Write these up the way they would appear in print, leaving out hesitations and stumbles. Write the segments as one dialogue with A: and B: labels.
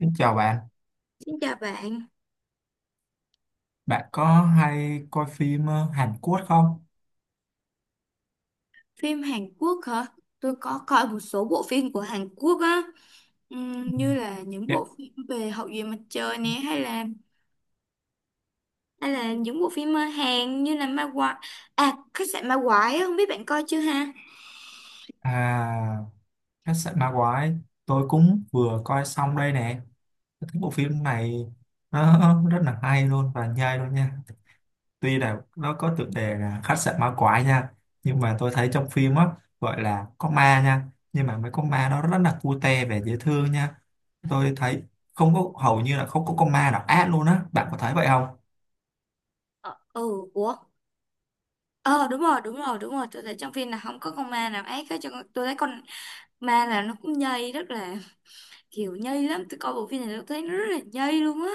A: Xin chào bạn,
B: Xin chào bạn,
A: bạn có hay coi phim Hàn Quốc không?
B: phim Hàn Quốc hả? Tôi có coi một số bộ phim của Hàn Quốc á.
A: Ừ.
B: Như là những
A: Dạ.
B: bộ phim về Hậu duệ mặt trời nè, hay là những bộ phim Hàn như là Ma Quái, à khách sạn Ma Quái á, không biết bạn coi chưa ha?
A: À, khách sạn ma quái, tôi cũng vừa coi xong đây nè. Tôi thấy bộ phim này nó rất là hay luôn và nhây luôn nha. Tuy là nó có tựa đề là khách sạn ma quái nha, nhưng mà tôi thấy trong phim á gọi là có ma nha, nhưng mà mấy con ma nó rất là cute và dễ thương nha. Tôi thấy không có hầu như là không có con ma nào ác luôn á, bạn có thấy vậy không?
B: Ờ, ừ, ủa, ờ đúng rồi, đúng rồi, đúng rồi, tôi thấy trong phim là không có con ma nào ác hết, tôi thấy con ma là nó cũng nhây, rất là kiểu nhây lắm. Tôi coi bộ phim này tôi thấy nó rất là nhây luôn á.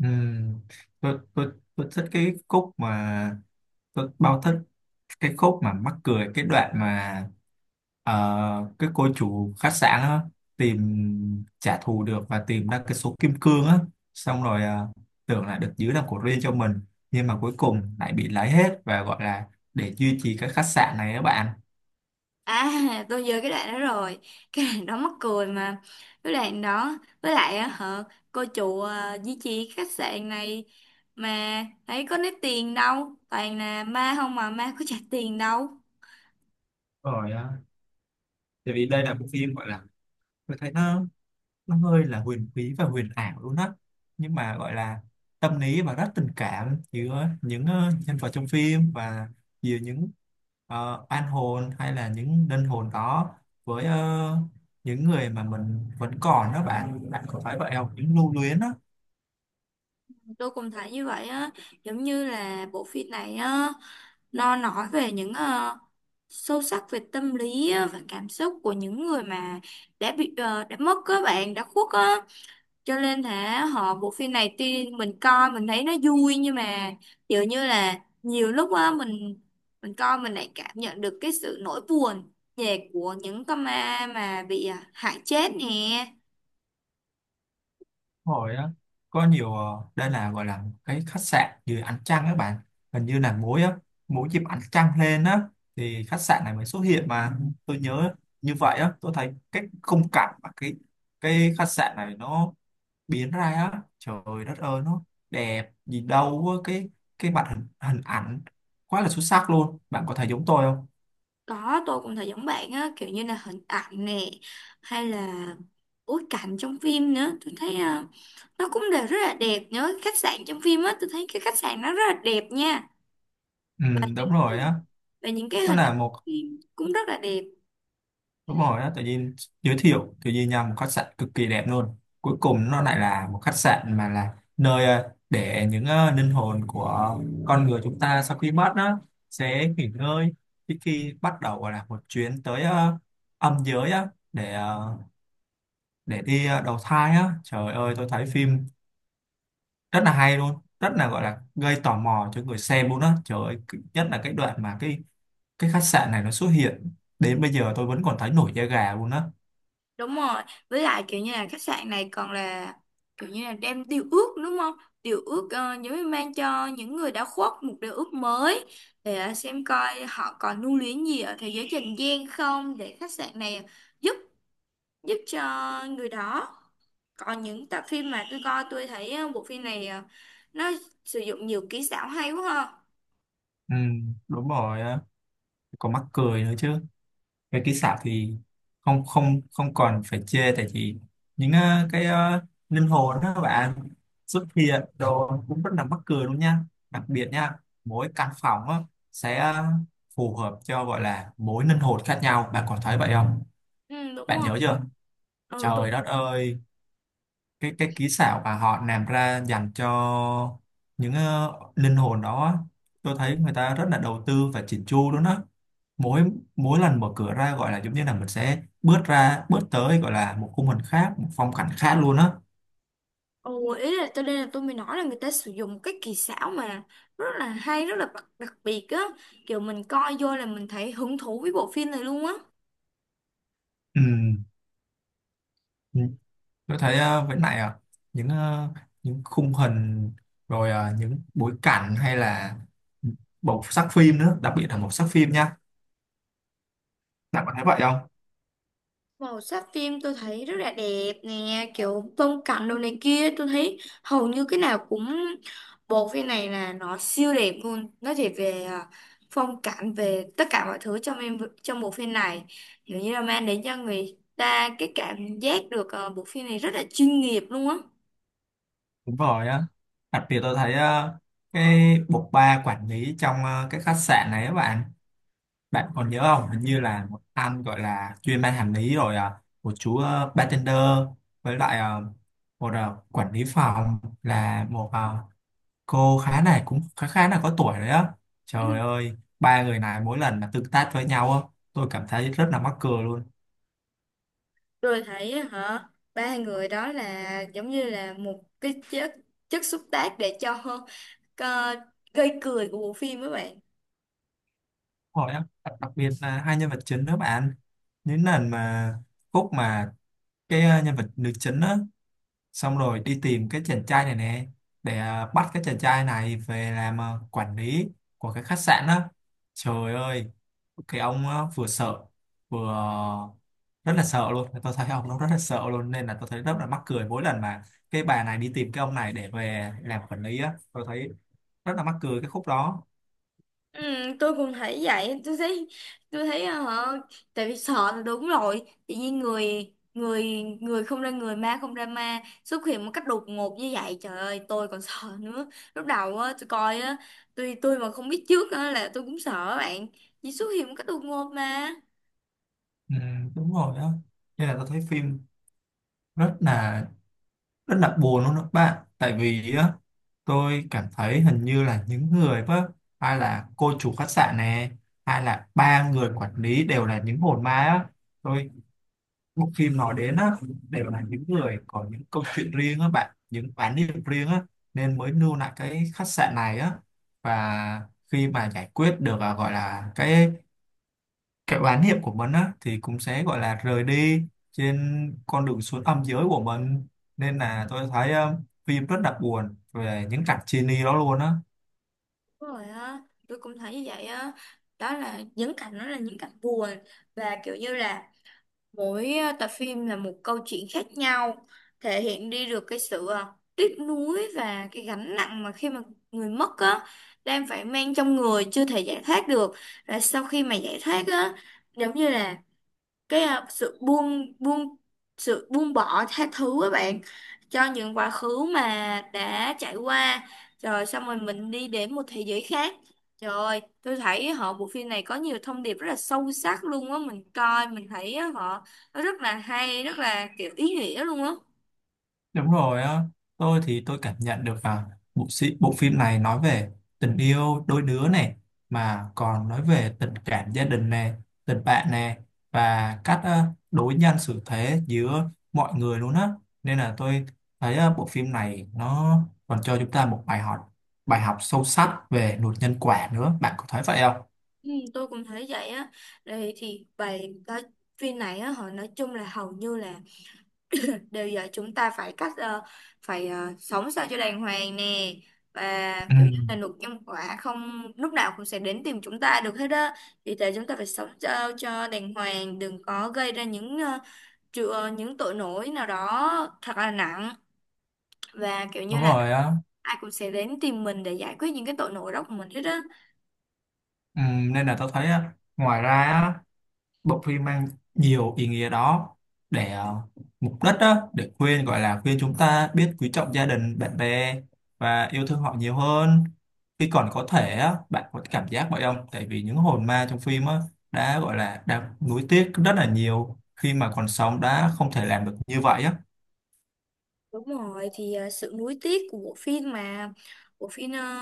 A: Ừ, tôi thích cái khúc mà tôi bao thích cái khúc mà mắc cười cái đoạn mà cái cô chủ khách sạn á, tìm trả thù được và tìm ra cái số kim cương á xong rồi tưởng là được giữ làm của riêng cho mình nhưng mà cuối cùng lại bị lấy hết và gọi là để duy trì cái khách sạn này các bạn
B: À, tôi nhớ cái đoạn đó rồi. Cái đoạn đó mắc cười mà. Cái đoạn đó, với lại á, hả, cô chủ à, duy trì khách sạn này mà thấy có lấy tiền đâu. Toàn là ma không mà ma có trả tiền đâu.
A: rồi tại vì đây là bộ phim gọi là tôi thấy nó hơi là huyền bí và huyền ảo luôn á nhưng mà gọi là tâm lý và rất tình cảm giữa những nhân vật trong phim và giữa những an hồn hay là những linh hồn đó với những người mà mình vẫn còn đó bạn bạn có phải vậy không những lưu luyến đó.
B: Tôi cũng thấy như vậy á, giống như là bộ phim này á, nó nói về những sâu sắc về tâm lý á, và cảm xúc của những người mà đã bị đã mất, các bạn, đã khuất á. Cho nên là họ bộ phim này tuy mình coi mình thấy nó vui, nhưng mà kiểu như là nhiều lúc á mình coi mình lại cảm nhận được cái sự nỗi buồn về của những con ma mà bị hại chết nè.
A: Hồi á có nhiều đây là gọi là một cái khách sạn dưới ánh trăng các bạn hình như là mỗi á mỗi dịp ánh trăng lên á thì khách sạn này mới xuất hiện mà. Ừ, tôi nhớ như vậy á, tôi thấy cái khung cảnh mà cái khách sạn này nó biến ra á trời đất ơi nó đẹp gì đâu á. Cái mặt hình hình ảnh quá là xuất sắc luôn, bạn có thấy giống tôi không?
B: Có, tôi cũng thấy giống bạn á, kiểu như là hình ảnh nè, hay là bối cảnh trong phim nữa, tôi thấy nó cũng đều rất là đẹp nữa. Khách sạn trong phim á, tôi thấy cái khách sạn nó rất là đẹp nha,
A: Ừ,
B: và
A: đúng
B: những cái
A: rồi á,
B: hình- và những cái
A: nó
B: hình ảnh
A: là một.
B: phim cũng rất là đẹp.
A: Đúng rồi á, tự nhiên giới thiệu tự nhiên nhầm một khách sạn cực kỳ đẹp luôn cuối cùng nó lại là một khách sạn mà là nơi để những linh hồn của con người chúng ta sau khi mất đó sẽ nghỉ ngơi trước khi bắt đầu gọi là một chuyến tới âm giới á để để đi đầu thai á trời ơi tôi thấy phim rất là hay luôn rất là gọi là gây tò mò cho người xem luôn á trời ơi cứ- nhất là cái đoạn mà cái khách sạn này nó xuất hiện đến bây giờ tôi vẫn còn thấy nổi da gà luôn á.
B: Đúng rồi, với lại kiểu như là khách sạn này còn là kiểu như là đem điều ước, đúng không? Điều ước giống như mang cho những người đã khuất một điều ước mới để xem coi họ còn lưu luyến gì ở thế giới trần gian không, để khách sạn này giúp giúp cho người đó. Còn những tập phim mà tôi coi, tôi thấy bộ phim này nó sử dụng nhiều kỹ xảo hay quá ha.
A: Ừ, đúng rồi á. Còn mắc cười nữa chứ, cái kỹ xảo thì không không không còn phải chê tại vì những cái linh hồn đó các bạn xuất hiện đồ cũng rất là mắc cười luôn nha, đặc biệt nha mỗi căn phòng á, sẽ phù hợp cho gọi là mỗi linh hồn khác nhau, bạn còn thấy vậy không?
B: Ừ, đúng
A: Bạn
B: rồi.
A: nhớ chưa?
B: Ừ, tôi.
A: Trời đất ơi cái kỹ xảo mà họ làm ra dành cho những linh hồn đó tôi thấy người ta rất là đầu tư và chỉn chu luôn á, mỗi mỗi lần mở cửa ra gọi là giống như là mình sẽ bước ra bước tới gọi là một khung hình khác một phong cảnh khác luôn á.
B: Ồ, ý là tôi, đây là tôi mới nói là người ta sử dụng cái kỳ xảo mà rất là hay, rất là đặc biệt á. Kiểu mình coi vô là mình thấy hứng thú với bộ phim này luôn á.
A: Ừ. Ừ. Tôi thấy với lại những những khung hình rồi những bối cảnh hay là màu sắc phim nữa đặc biệt là màu sắc phim nha, bạn có thấy vậy không?
B: Màu sắc phim tôi thấy rất là đẹp nè, kiểu tông cảnh đồ này kia. Tôi thấy hầu như cái nào cũng, bộ phim này là nó siêu đẹp luôn. Nó chỉ về phong cảnh, về tất cả mọi thứ trong em trong bộ phim này. Kiểu như là mang đến cho người ta cái cảm giác được bộ phim này rất là chuyên nghiệp luôn á.
A: Đúng rồi á, đặc biệt tôi thấy cái bộ ba quản lý trong cái khách sạn này á bạn. Bạn còn nhớ không? Hình như là một anh gọi là chuyên ban hành lý rồi à, một chú bartender với lại một quản lý phòng là một cô khá này cũng khá khá là có tuổi đấy á. Trời ơi, ba người này mỗi lần mà tương tác với nhau á, tôi cảm thấy rất là mắc cười luôn.
B: Tôi thấy á, hả, ba người đó là giống như là một cái chất, chất xúc tác để cho ờ, gây cười của bộ phim, các bạn.
A: Đúng rồi á, đặc biệt là hai nhân vật chính đó bạn. Những lần mà khúc mà cái nhân vật nữ chính á xong rồi đi tìm cái chàng trai này nè để à, bắt cái chàng trai này về làm à, quản lý của cái khách sạn đó trời ơi cái ông á, vừa sợ vừa à, rất là sợ luôn tôi thấy ông nó rất là sợ luôn nên là tôi thấy rất là mắc cười mỗi lần mà cái bà này đi tìm cái ông này để về làm quản lý á tôi thấy rất là mắc cười cái khúc đó.
B: Ừ, tôi cũng thấy vậy, tôi thấy hả, tại vì sợ là đúng rồi. Tự nhiên người người người không ra người, ma không ra ma, xuất hiện một cách đột ngột như vậy, trời ơi tôi còn sợ nữa. Lúc đầu á tôi coi á, tôi mà không biết trước á là tôi cũng sợ bạn, chỉ xuất hiện một cách đột ngột mà.
A: Ừ, đúng rồi đó, nên là tôi thấy phim rất là rất là buồn luôn đó các bạn tại vì á, tôi cảm thấy hình như là những người đó hay là cô chủ khách sạn này hay là ba người quản lý đều là những hồn ma á, tôi bộ phim nói đến á đều là những người có những câu chuyện riêng á bạn những án điểm riêng á nên mới lưu lại cái khách sạn này á và khi mà giải quyết được à, gọi là cái oán niệm của mình á thì cũng sẽ gọi là rời đi trên con đường xuống âm giới của mình nên là tôi thấy phim rất là buồn về những cảnh chia ly đó luôn á.
B: Đúng rồi á, tôi cũng thấy như vậy á. Đó là những cảnh, đó là những cảnh buồn, và kiểu như là mỗi tập phim là một câu chuyện khác nhau, thể hiện đi được cái sự tiếc nuối và cái gánh nặng mà khi mà người mất á đang phải mang trong người chưa thể giải thoát được. Và sau khi mà giải thoát á, giống như là cái à, sự buông buông sự buông bỏ, tha thứ các bạn cho những quá khứ mà đã trải qua, rồi xong rồi mình đi đến một thế giới khác. Trời ơi tôi thấy họ bộ phim này có nhiều thông điệp rất là sâu sắc luôn á, mình coi mình thấy á, họ nó rất là hay, rất là kiểu ý nghĩa luôn á.
A: Đúng rồi á, tôi thì tôi cảm nhận được là bộ sĩ, bộ phim này nói về tình yêu đôi đứa này mà còn nói về tình cảm gia đình này, tình bạn này và cách đối nhân xử thế giữa mọi người luôn á. Nên là tôi thấy bộ phim này nó còn cho chúng ta một bài học sâu sắc về luật nhân quả nữa. Bạn có thấy vậy không?
B: Ừ, tôi cũng thấy vậy á. Đây thì bài coi phim này á, họ nói chung là hầu như là bây giờ chúng ta phải cách sống sao cho đàng hoàng nè, và
A: Ừ,
B: kiểu như là nụ nhân quả không lúc nào cũng sẽ đến tìm chúng ta được hết đó. Vì thế chúng ta phải sống sao cho đàng hoàng, đừng có gây ra những ờ, tru- ờ, những tội lỗi nào đó thật là nặng, và kiểu như
A: đúng
B: là
A: rồi á.
B: ai cũng sẽ đến tìm mình để giải quyết những cái tội lỗi đó của mình hết đó.
A: Ừ, nên là tôi thấy á, ngoài ra á, bộ phim mang nhiều ý nghĩa đó để mục đích đó để khuyên gọi là khuyên chúng ta biết quý trọng gia đình bạn bè và yêu thương họ nhiều hơn khi còn có thể á, bạn có cảm giác vậy không tại vì những hồn ma trong phim á, đã gọi là đã nuối tiếc rất là nhiều khi mà còn sống đã không thể làm được như vậy á.
B: Đúng rồi, thì sự nuối tiếc của bộ phim mà bộ phim ờ,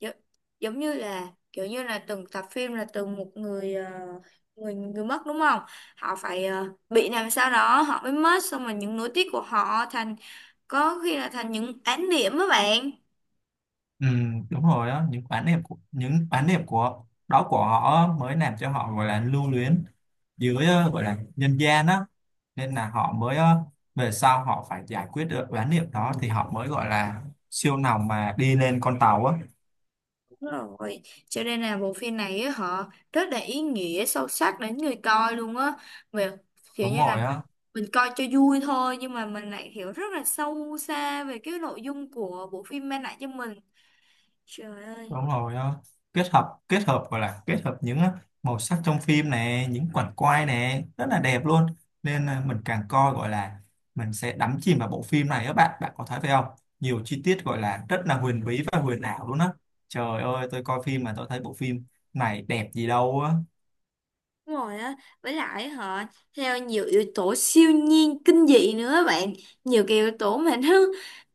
B: gi- giống như là kiểu như là từng tập phim là từng một người ờ, người người mất, đúng không? Họ phải bị làm sao đó họ mới mất, xong rồi những nối tiếc của họ thành, có khi là thành những án điểm đó bạn.
A: Ừ, đúng rồi á những oán niệm của những oán niệm của đó của họ mới làm cho họ gọi là lưu luyến dưới gọi là nhân gian á nên là họ mới về sau họ phải giải quyết được bán niệm đó thì họ mới gọi là siêu lòng mà đi lên con tàu á.
B: Đúng rồi, cho nên là bộ phim này á họ rất là ý nghĩa sâu sắc đến người coi luôn á, về kiểu
A: Đúng
B: như là
A: rồi
B: mình
A: á.
B: mình coi cho vui thôi nhưng mà mình lại hiểu rất là sâu xa về cái nội dung của bộ phim mang lại cho mình, trời ơi.
A: Đúng rồi á, kết hợp gọi là kết hợp những màu sắc trong phim này những qucảnh quay này rất là đẹp luôn nên là mình càng coi gọi là mình sẽ đắm chìm vào bộ phim này á bạn bạn có thấy phải không, nhiều chi tiết gọi là rất là huyền bí và huyền ảo luôn á, trời ơi tôi coi phim mà tôi thấy bộ phim này đẹp gì đâu á.
B: Đúng rồi á, với lại họ theo nhiều yếu tố siêu nhiên, kinh dị nữa á bạn, nhiều cái yếu tố mà nó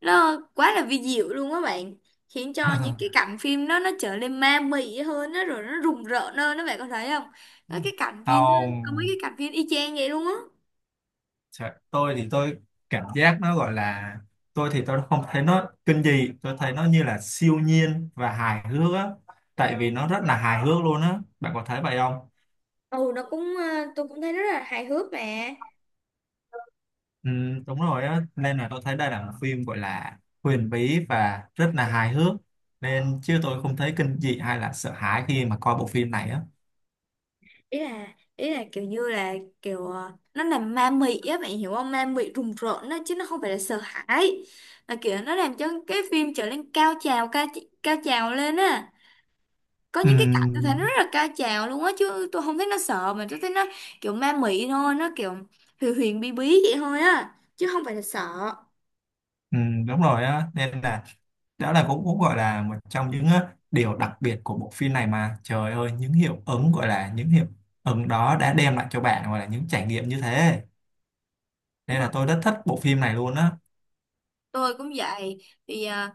B: nó quá là vi diệu luôn á bạn, khiến cho những cái cảnh phim đó nó trở nên ma mị hơn, nó rồi nó rùng rợn hơn đó, bạn có thấy không? Có cái cảnh phim, có mấy
A: Không.
B: cái cảnh phim y chang vậy luôn á.
A: Dạ, tôi thì tôi cảm giác nó gọi là tôi thì tôi không thấy nó kinh dị, tôi thấy nó như là siêu nhiên và hài hước á tại vì nó rất là hài hước luôn á, bạn có thấy vậy không?
B: Ừ nó cũng ờ, tôi cũng thấy rất là hài hước mà.
A: Ừ, đúng rồi á nên là tôi thấy đây là một phim gọi là huyền bí và rất là hài hước nên chứ tôi không thấy kinh dị hay là sợ hãi khi mà coi bộ phim này á.
B: Ý là kiểu như là kiểu nó làm ma mị á, bạn hiểu không, ma mị rùng rợn đó chứ nó không phải là sợ hãi, là kiểu nó làm cho cái phim trở nên cao trào, cao cao trào lên á. Có
A: Ừ.
B: những cái cảnh tôi thấy nó rất là cao trào luôn á chứ tôi không thấy nó sợ, mà tôi thấy nó kiểu ma mị thôi, nó kiểu huyền huyền bí bí vậy thôi á chứ không phải là sợ.
A: Ừ, đúng rồi á nên là đó là cũng cũng gọi là một trong những á, điều đặc biệt của bộ phim này mà trời ơi những hiệu ứng gọi là những hiệu ứng đó đã đem lại cho bạn gọi là những trải nghiệm như thế
B: Đúng
A: nên
B: rồi.
A: là tôi rất thích bộ phim này luôn á.
B: Tôi cũng vậy thì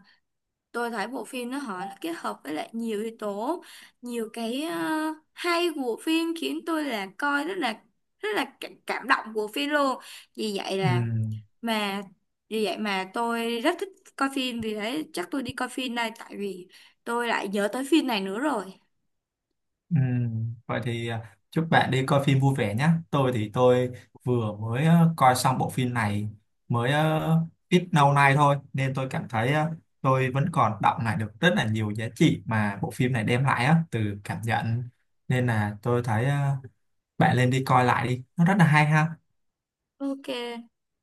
B: tôi thấy bộ phim nó họ nó kết hợp với lại nhiều yếu tố, nhiều cái hay của bộ phim khiến tôi là coi rất là, rất là cảm cảm động của phim luôn. Vì vậy
A: Ừ.
B: là mà Vì vậy mà tôi rất thích coi phim, vì đấy chắc tôi đi coi phim đây, tại vì tôi lại nhớ tới phim này nữa rồi.
A: Ừ, vậy thì à, chúc bạn đi coi phim vui vẻ nhé. Tôi thì tôi vừa mới coi xong bộ phim này mới ít lâu nay thôi nên tôi cảm thấy tôi vẫn còn đọng lại được rất là nhiều giá trị mà bộ phim này đem lại á từ cảm nhận nên là tôi thấy bạn nên đi coi lại đi. Nó rất là hay ha.
B: Ok.